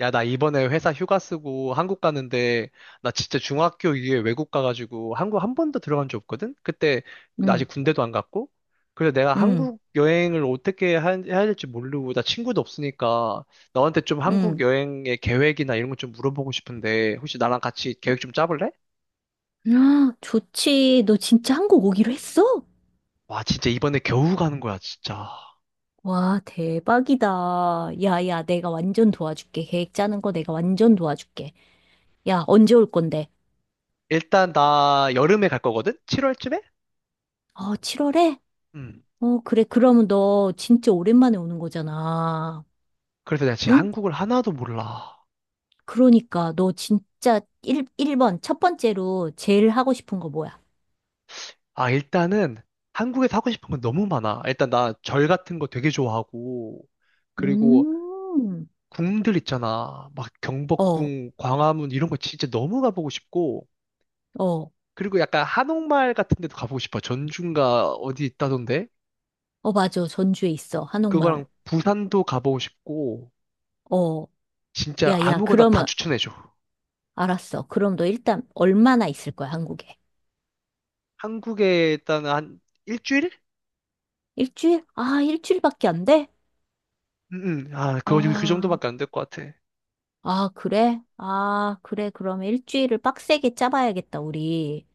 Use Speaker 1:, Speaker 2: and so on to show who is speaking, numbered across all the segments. Speaker 1: 야, 나 이번에 회사 휴가 쓰고 한국 가는데, 나 진짜 중학교 이후에 외국 가가지고 한국 한 번도 들어간 적 없거든? 그때, 나
Speaker 2: 응,
Speaker 1: 아직 군대도 안 갔고? 그래서 내가
Speaker 2: 응,
Speaker 1: 한국 여행을 어떻게 해야 될지 모르고, 나 친구도 없으니까, 너한테 좀 한국
Speaker 2: 응.
Speaker 1: 여행의 계획이나 이런 거 좀 물어보고 싶은데, 혹시 나랑 같이 계획 좀 짜볼래?
Speaker 2: 아, 좋지. 너 진짜 한국 오기로 했어?
Speaker 1: 와, 진짜 이번에 겨우 가는 거야, 진짜.
Speaker 2: 와, 대박이다. 야, 야, 내가 완전 도와줄게. 계획 짜는 거 내가 완전 도와줄게. 야, 언제 올 건데?
Speaker 1: 일단 나 여름에 갈 거거든? 7월쯤에?
Speaker 2: 어, 7월에?
Speaker 1: 음.
Speaker 2: 어, 그래. 그러면 너 진짜 오랜만에 오는 거잖아.
Speaker 1: 그래서 내가 지금
Speaker 2: 응?
Speaker 1: 한국을 하나도 몰라.
Speaker 2: 그러니까 너 진짜 1, 일번첫 번째로 제일 하고 싶은 거 뭐야?
Speaker 1: 아, 일단은 한국에서 하고 싶은 건 너무 많아. 일단 나 절 같은 거 되게 좋아하고, 그리고
Speaker 2: 음,
Speaker 1: 궁들 있잖아. 막
Speaker 2: 어,
Speaker 1: 경복궁, 광화문 이런 거 진짜 너무 가보고 싶고,
Speaker 2: 어,
Speaker 1: 그리고 약간 한옥마을 같은 데도 가보고 싶어. 전주인가 어디 있다던데?
Speaker 2: 어, 맞아. 전주에 있어. 한옥마을.
Speaker 1: 그거랑 부산도 가보고 싶고,
Speaker 2: 어,
Speaker 1: 진짜
Speaker 2: 야, 야,
Speaker 1: 아무거나 다
Speaker 2: 그러면
Speaker 1: 추천해줘.
Speaker 2: 알았어. 그럼 너 일단 얼마나 있을 거야, 한국에?
Speaker 1: 한국에 일단 한 일주일?
Speaker 2: 일주일? 아, 일주일밖에 안 돼?
Speaker 1: 응, 응. 아, 그
Speaker 2: 아,
Speaker 1: 정도밖에 안 될 것 같아.
Speaker 2: 아, 그래? 아, 그래. 그러면 일주일을 빡세게 짜봐야겠다, 우리.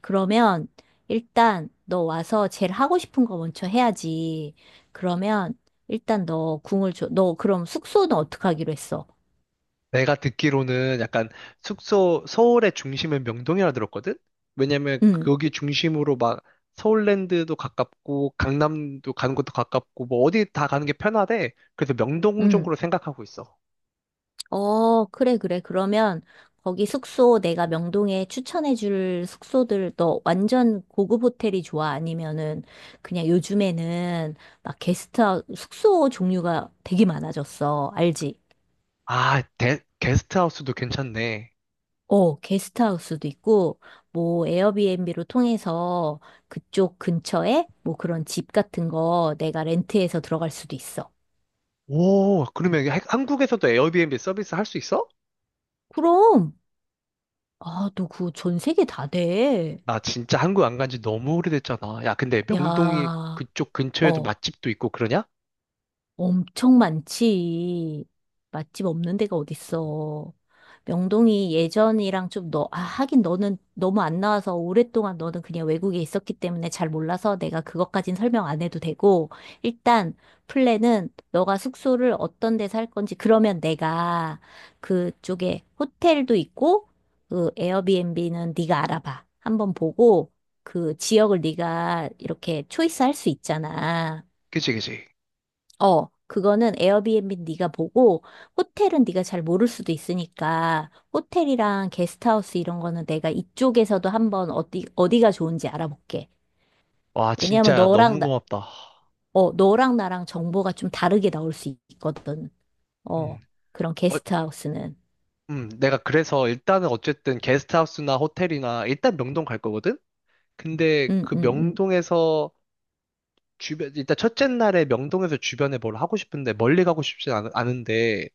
Speaker 2: 그러면 일단 너 와서 제일 하고 싶은 거 먼저 해야지. 그러면 일단 너 궁을 줘. 너 그럼 숙소는 어떻게 하기로 했어?
Speaker 1: 내가 듣기로는 약간 숙소, 서울의 중심은 명동이라 들었거든? 왜냐면
Speaker 2: 응,
Speaker 1: 거기 중심으로 막 서울랜드도 가깝고 강남도 가는 것도 가깝고 뭐 어디 다 가는 게 편하대. 그래서 명동
Speaker 2: 응.
Speaker 1: 쪽으로 생각하고 있어.
Speaker 2: 어, 그래, 그래. 그러면 거기 숙소 내가 명동에 추천해 줄 숙소들, 너 완전 고급 호텔이 좋아? 아니면은 그냥 요즘에는 막 게스트하우스 숙소 종류가 되게 많아졌어. 알지?
Speaker 1: 아, 게스트하우스도 괜찮네.
Speaker 2: 어, 게스트하우스도 있고 뭐 에어비앤비로 통해서 그쪽 근처에 뭐 그런 집 같은 거 내가 렌트해서 들어갈 수도 있어.
Speaker 1: 오, 그러면 이게 한국에서도 에어비앤비 서비스 할 수 있어?
Speaker 2: 그럼. 아, 너 그거 전 세계 다 돼.
Speaker 1: 나 진짜 한국 안 간지 너무 오래됐잖아. 야, 근데 명동이
Speaker 2: 야.
Speaker 1: 그쪽 근처에도
Speaker 2: 어.
Speaker 1: 맛집도 있고 그러냐?
Speaker 2: 엄청 많지. 맛집 없는 데가 어딨어. 명동이 예전이랑 좀 아, 하긴 너는 너무 안 나와서 오랫동안 너는 그냥 외국에 있었기 때문에 잘 몰라서, 내가 그것까진 설명 안 해도 되고, 일단 플랜은 너가 숙소를 어떤 데서 할 건지. 그러면 내가 그쪽에 호텔도 있고, 그 에어비앤비는 네가 알아봐. 한번 보고, 그 지역을 네가 이렇게 초이스 할 수 있잖아.
Speaker 1: 그치, 그치.
Speaker 2: 어, 그거는 에어비앤비 네가 보고, 호텔은 네가 잘 모를 수도 있으니까 호텔이랑 게스트하우스 이런 거는 내가 이쪽에서도 한번 어디 어디가 좋은지 알아볼게.
Speaker 1: 와,
Speaker 2: 왜냐하면
Speaker 1: 진짜 너무 고맙다.
Speaker 2: 너랑 나랑 정보가 좀 다르게 나올 수 있거든. 어,
Speaker 1: 음.
Speaker 2: 그런
Speaker 1: 어,
Speaker 2: 게스트하우스는.
Speaker 1: 내가 그래서 일단은 어쨌든 게스트하우스나 호텔이나 일단 명동 갈 거거든? 근데
Speaker 2: 음,
Speaker 1: 그
Speaker 2: 음, 음.
Speaker 1: 명동에서 주변, 일단 첫째 날에 명동에서 주변에 뭘 하고 싶은데 멀리 가고 싶진 않은데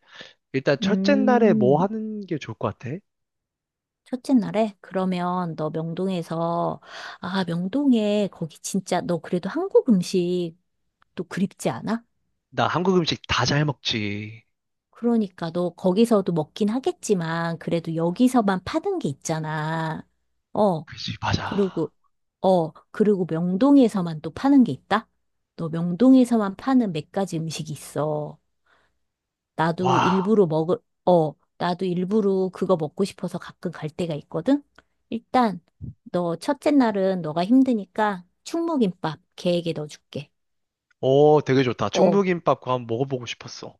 Speaker 1: 일단 첫째 날에 뭐
Speaker 2: 음,
Speaker 1: 하는 게 좋을 것 같아?
Speaker 2: 첫째 날에 그러면 너 명동에서, 아, 명동에 거기 진짜 너 그래도 한국 음식 또 그립지 않아?
Speaker 1: 나 한국 음식 다 잘 먹지.
Speaker 2: 그러니까 너 거기서도 먹긴 하겠지만 그래도 여기서만 파는 게 있잖아. 어,
Speaker 1: 그지, 맞아.
Speaker 2: 그리고 그리고 명동에서만 또 파는 게 있다? 너 명동에서만 파는 몇 가지 음식이 있어. 나도
Speaker 1: 와,
Speaker 2: 일부러 먹을 나도 일부러 그거 먹고 싶어서 가끔 갈 때가 있거든. 일단 너 첫째 날은 너가 힘드니까 충무김밥 계획에 넣어줄게.
Speaker 1: 오, 되게 좋다.
Speaker 2: 어,
Speaker 1: 충무김밥 그거 한번 먹어보고 싶었어.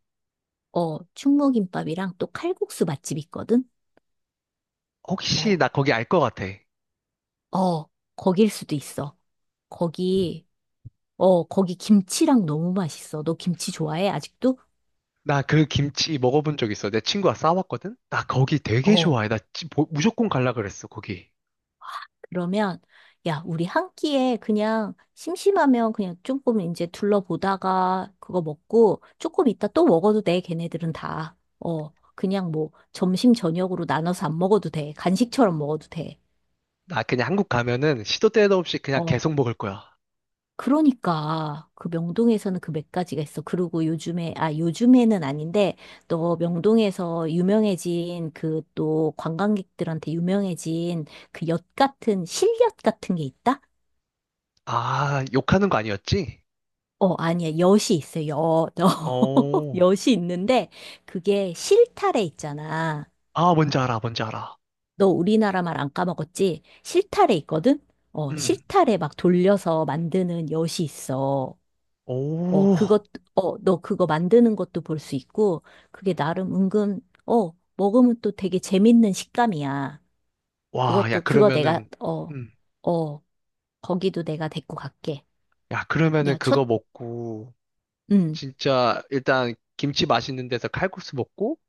Speaker 2: 어, 충무김밥이랑 또 칼국수 맛집 있거든.
Speaker 1: 혹시
Speaker 2: 어.
Speaker 1: 나 거기 알 것 같아.
Speaker 2: 어, 거길 수도 있어. 거기, 거기 김치랑 너무 맛있어. 너 김치 좋아해? 아직도?
Speaker 1: 나 그 김치 먹어본 적 있어. 내 친구가 싸왔거든? 나 거기 되게
Speaker 2: 어,
Speaker 1: 좋아해. 무조건 갈라 그랬어, 거기.
Speaker 2: 그러면, 야, 우리 한 끼에 그냥 심심하면 그냥 조금 이제 둘러보다가 그거 먹고 조금 이따 또 먹어도 돼, 걔네들은 다. 어, 그냥 뭐 점심 저녁으로 나눠서 안 먹어도 돼. 간식처럼 먹어도 돼.
Speaker 1: 나 그냥 한국 가면은 시도 때도 없이 그냥
Speaker 2: 어.
Speaker 1: 계속 먹을 거야.
Speaker 2: 그러니까 그 명동에서는 그 몇 가지가 있어. 그리고 요즘에는 아닌데, 또 명동에서 유명해진, 그 또 관광객들한테 유명해진 그 엿 같은 실엿 같은 게 있다?
Speaker 1: 아, 욕하는 거 아니었지?
Speaker 2: 어, 아니야. 엿이 있어. 엿.
Speaker 1: 오,
Speaker 2: 엿이 있는데 그게 실타래 있잖아.
Speaker 1: 아, 뭔지 알아, 뭔지 알아.
Speaker 2: 너 우리나라 말 안 까먹었지? 실타래 있거든? 어,
Speaker 1: 음,
Speaker 2: 실타래 막 돌려서 만드는 엿이 있어. 어,
Speaker 1: 오,
Speaker 2: 너 그거 만드는 것도 볼 수 있고, 그게 나름 먹으면 또 되게 재밌는 식감이야.
Speaker 1: 와, 야,
Speaker 2: 그것도, 그거 내가,
Speaker 1: 그러면은,
Speaker 2: 어,
Speaker 1: 음,
Speaker 2: 어, 거기도 내가 데리고 갈게.
Speaker 1: 야, 그러면은
Speaker 2: 야,
Speaker 1: 그거 먹고,
Speaker 2: 음,
Speaker 1: 진짜, 일단 김치 맛있는 데서 칼국수 먹고,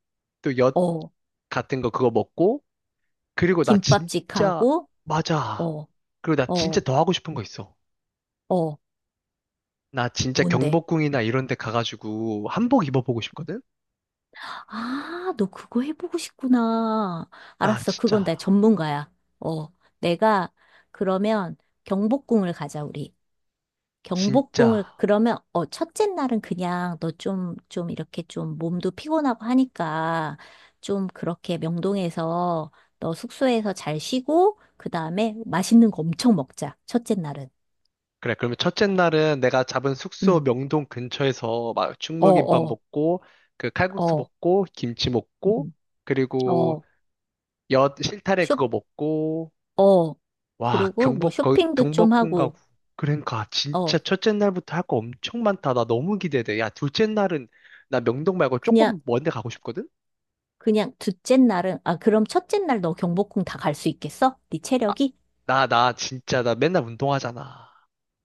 Speaker 1: 또 엿
Speaker 2: 어,
Speaker 1: 같은 거 그거 먹고, 그리고 나 진짜,
Speaker 2: 김밥집하고,
Speaker 1: 맞아.
Speaker 2: 어,
Speaker 1: 그리고 나 진짜
Speaker 2: 어,
Speaker 1: 더 하고 싶은 거 있어.
Speaker 2: 어,
Speaker 1: 나 진짜
Speaker 2: 뭔데?
Speaker 1: 경복궁이나 이런 데 가가지고 한복 입어보고 싶거든?
Speaker 2: 아, 너 그거 해보고 싶구나.
Speaker 1: 나
Speaker 2: 알았어, 그건 내
Speaker 1: 진짜,
Speaker 2: 전문가야. 어, 내가, 그러면 경복궁을 가자, 우리. 경복궁을,
Speaker 1: 진짜.
Speaker 2: 그러면 어, 첫째 날은 그냥 너 좀 이렇게 좀 몸도 피곤하고 하니까, 좀 그렇게 명동에서 너 숙소에서 잘 쉬고 그다음에 맛있는 거 엄청 먹자. 첫째 날은.
Speaker 1: 그래, 그러면 첫째 날은 내가 잡은 숙소
Speaker 2: 음.
Speaker 1: 명동 근처에서 막
Speaker 2: 어,
Speaker 1: 충무김밥
Speaker 2: 어,
Speaker 1: 먹고, 그 칼국수
Speaker 2: 어.
Speaker 1: 먹고, 김치 먹고,
Speaker 2: 음.
Speaker 1: 그리고
Speaker 2: 어.
Speaker 1: 엿 실타래
Speaker 2: 쇼
Speaker 1: 그거 먹고,
Speaker 2: 어.
Speaker 1: 와,
Speaker 2: 그리고 뭐 쇼핑도 좀
Speaker 1: 경복궁 가고.
Speaker 2: 하고.
Speaker 1: 그러니까 진짜
Speaker 2: 어.
Speaker 1: 첫째 날부터 할 거 엄청 많다. 나 너무 기대돼. 야, 둘째 날은 나 명동 말고
Speaker 2: 그냥
Speaker 1: 조금 먼데 가고 싶거든?
Speaker 2: 그냥 둘째 날은, 아, 그럼 첫째 날 너 경복궁 다 갈 수 있겠어? 네
Speaker 1: 아,
Speaker 2: 체력이?
Speaker 1: 나 진짜 나 맨날 운동하잖아.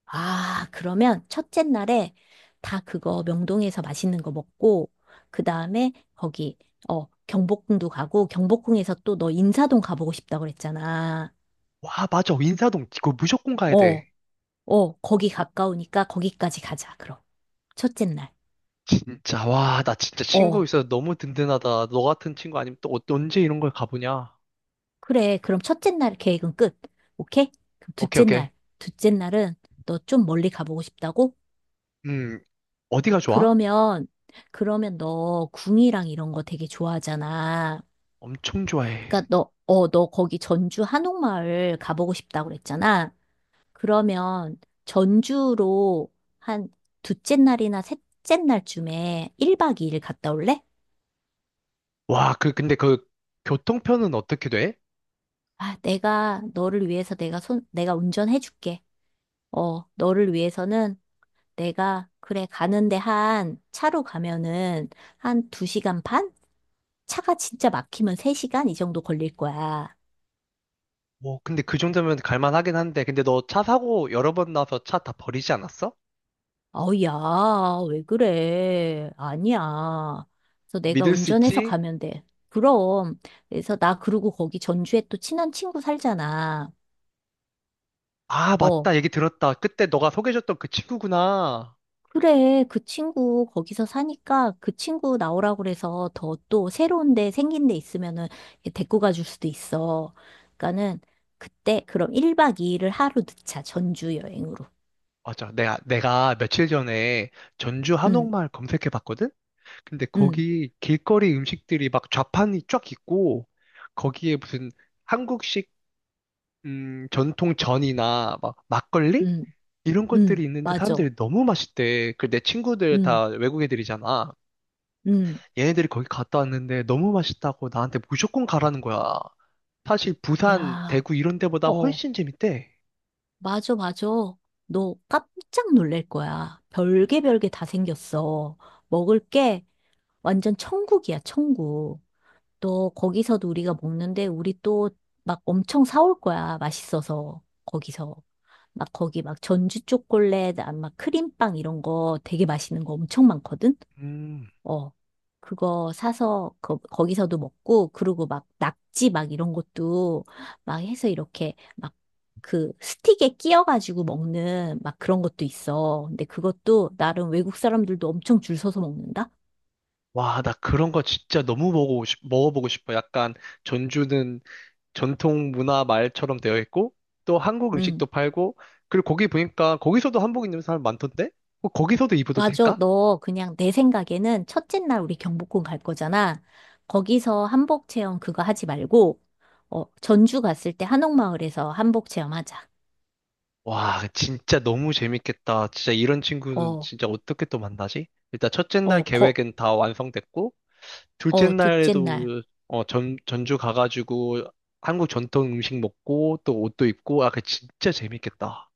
Speaker 2: 아, 그러면 첫째 날에 다 그거 명동에서 맛있는 거 먹고, 그 다음에 거기, 어, 경복궁도 가고, 경복궁에서, 또 너 인사동 가보고 싶다고 그랬잖아.
Speaker 1: 와, 맞아. 인사동. 이거 무조건 가야 돼.
Speaker 2: 어, 어, 거기 가까우니까 거기까지 가자, 그럼. 첫째 날.
Speaker 1: 진짜, 와, 나 진짜 친구
Speaker 2: 어,
Speaker 1: 있어서 너무 든든하다. 너 같은 친구 아니면 또 언제 이런 걸 가보냐?
Speaker 2: 그래. 그럼 첫째 날 계획은 끝. 오케이? 그럼
Speaker 1: 오케이,
Speaker 2: 둘째
Speaker 1: 오케이.
Speaker 2: 날. 둘째 날은 너 좀 멀리 가보고 싶다고?
Speaker 1: 음, 어디가 좋아?
Speaker 2: 그러면, 그러면 너 궁이랑 이런 거 되게 좋아하잖아.
Speaker 1: 엄청 좋아해.
Speaker 2: 그러니까 너 거기 전주 한옥마을 가보고 싶다고 그랬잖아. 그러면 전주로 한 둘째 날이나 셋째 날쯤에 1박 2일 갔다 올래?
Speaker 1: 와, 근데 교통편은 어떻게 돼?
Speaker 2: 아, 내가 너를 위해서 내가 운전해 줄게. 어, 너를 위해서는 내가 그래, 가는데 한 차로 가면은 한 2시간 반? 차가 진짜 막히면 3시간 이 정도 걸릴 거야.
Speaker 1: 뭐, 근데 그 정도면 갈만하긴 한데, 근데 너 차 사고 여러 번 나서 차 다 버리지 않았어?
Speaker 2: 아우, 야, 왜 그래? 아니야. 그래서 내가
Speaker 1: 믿을 수
Speaker 2: 운전해서
Speaker 1: 있지?
Speaker 2: 가면 돼. 그럼. 그래서 나 그러고 거기 전주에 또 친한 친구 살잖아.
Speaker 1: 아,
Speaker 2: 어,
Speaker 1: 맞다. 얘기 들었다. 그때 너가 소개해줬던 그 친구구나.
Speaker 2: 그래. 그 친구 거기서 사니까, 그 친구 나오라고 그래서 더 또 새로운 데, 생긴 데 있으면은 이렇게 데리고 가줄 수도 있어. 그러니까는 그때 그럼 1박 2일을 하루 늦자. 전주 여행으로.
Speaker 1: 맞아. 내가 며칠 전에 전주
Speaker 2: 응,
Speaker 1: 한옥마을 검색해봤거든? 근데
Speaker 2: 응,
Speaker 1: 거기 길거리 음식들이 막 좌판이 쫙 있고 거기에 무슨 한국식 전통 전이나 막 막걸리
Speaker 2: 응,
Speaker 1: 이런
Speaker 2: 응.
Speaker 1: 것들이 있는데
Speaker 2: 맞아.
Speaker 1: 사람들이 너무 맛있대. 그 내 친구들
Speaker 2: 응,
Speaker 1: 다 외국 애들이잖아.
Speaker 2: 응.
Speaker 1: 얘네들이 거기 갔다 왔는데 너무 맛있다고 나한테 무조건 가라는 거야. 사실 부산,
Speaker 2: 야.
Speaker 1: 대구 이런 데보다
Speaker 2: 어.
Speaker 1: 훨씬 재밌대.
Speaker 2: 맞아, 맞아. 너 깜짝 놀랄 거야. 별게 별게 다 생겼어. 먹을 게 완전 천국이야, 천국. 너 거기서도 우리가 먹는데 우리 또 막 엄청 사올 거야. 맛있어서. 거기서. 막 거기 막 전주 초콜릿, 아, 막 크림빵 이런 거 되게 맛있는 거 엄청 많거든?
Speaker 1: 음.
Speaker 2: 어, 그거 사서 거기서도 먹고, 그리고 막 낙지 막 이런 것도 막 해서 이렇게 막 그 스틱에 끼어가지고 먹는 막 그런 것도 있어. 근데 그것도 나름 외국 사람들도 엄청 줄 서서 먹는다?
Speaker 1: 와, 나 그런 거 진짜 너무 먹어보고 싶어. 약간 전주는 전통 문화 말처럼 되어 있고 또 한국
Speaker 2: 응.
Speaker 1: 음식도 팔고 그리고 거기 보니까 거기서도 한복 입는 사람 많던데? 어, 거기서도 입어도
Speaker 2: 맞아.
Speaker 1: 될까?
Speaker 2: 너 그냥 내 생각에는 첫째 날 우리 경복궁 갈 거잖아. 거기서 한복 체험 그거 하지 말고, 어, 전주 갔을 때 한옥마을에서 한복 체험 하자.
Speaker 1: 와, 진짜 너무 재밌겠다. 진짜 이런 친구는
Speaker 2: 어,
Speaker 1: 진짜 어떻게 또 만나지? 일단 첫째 날
Speaker 2: 어,
Speaker 1: 계획은 다 완성됐고 둘째
Speaker 2: 둘째 날.
Speaker 1: 날에도 어, 전주 가가지고 한국 전통 음식 먹고 또 옷도 입고 아, 그 진짜 재밌겠다.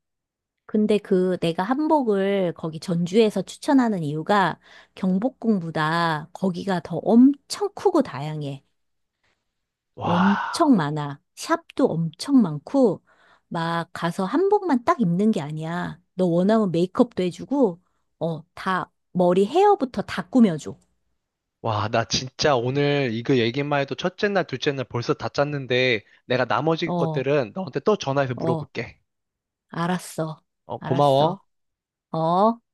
Speaker 2: 근데 그 내가 한복을 거기 전주에서 추천하는 이유가 경복궁보다 거기가 더 엄청 크고 다양해. 엄청
Speaker 1: 와.
Speaker 2: 많아. 샵도 엄청 많고 막 가서 한복만 딱 입는 게 아니야. 너 원하면 메이크업도 해주고, 어, 다 머리 헤어부터 다 꾸며줘.
Speaker 1: 와, 나 진짜 오늘 이거 얘기만 해도 첫째 날, 둘째 날 벌써 다 짰는데 내가 나머지
Speaker 2: 어,
Speaker 1: 것들은 너한테 또 전화해서
Speaker 2: 어,
Speaker 1: 물어볼게.
Speaker 2: 알았어.
Speaker 1: 어, 고마워.
Speaker 2: 알았어. 어.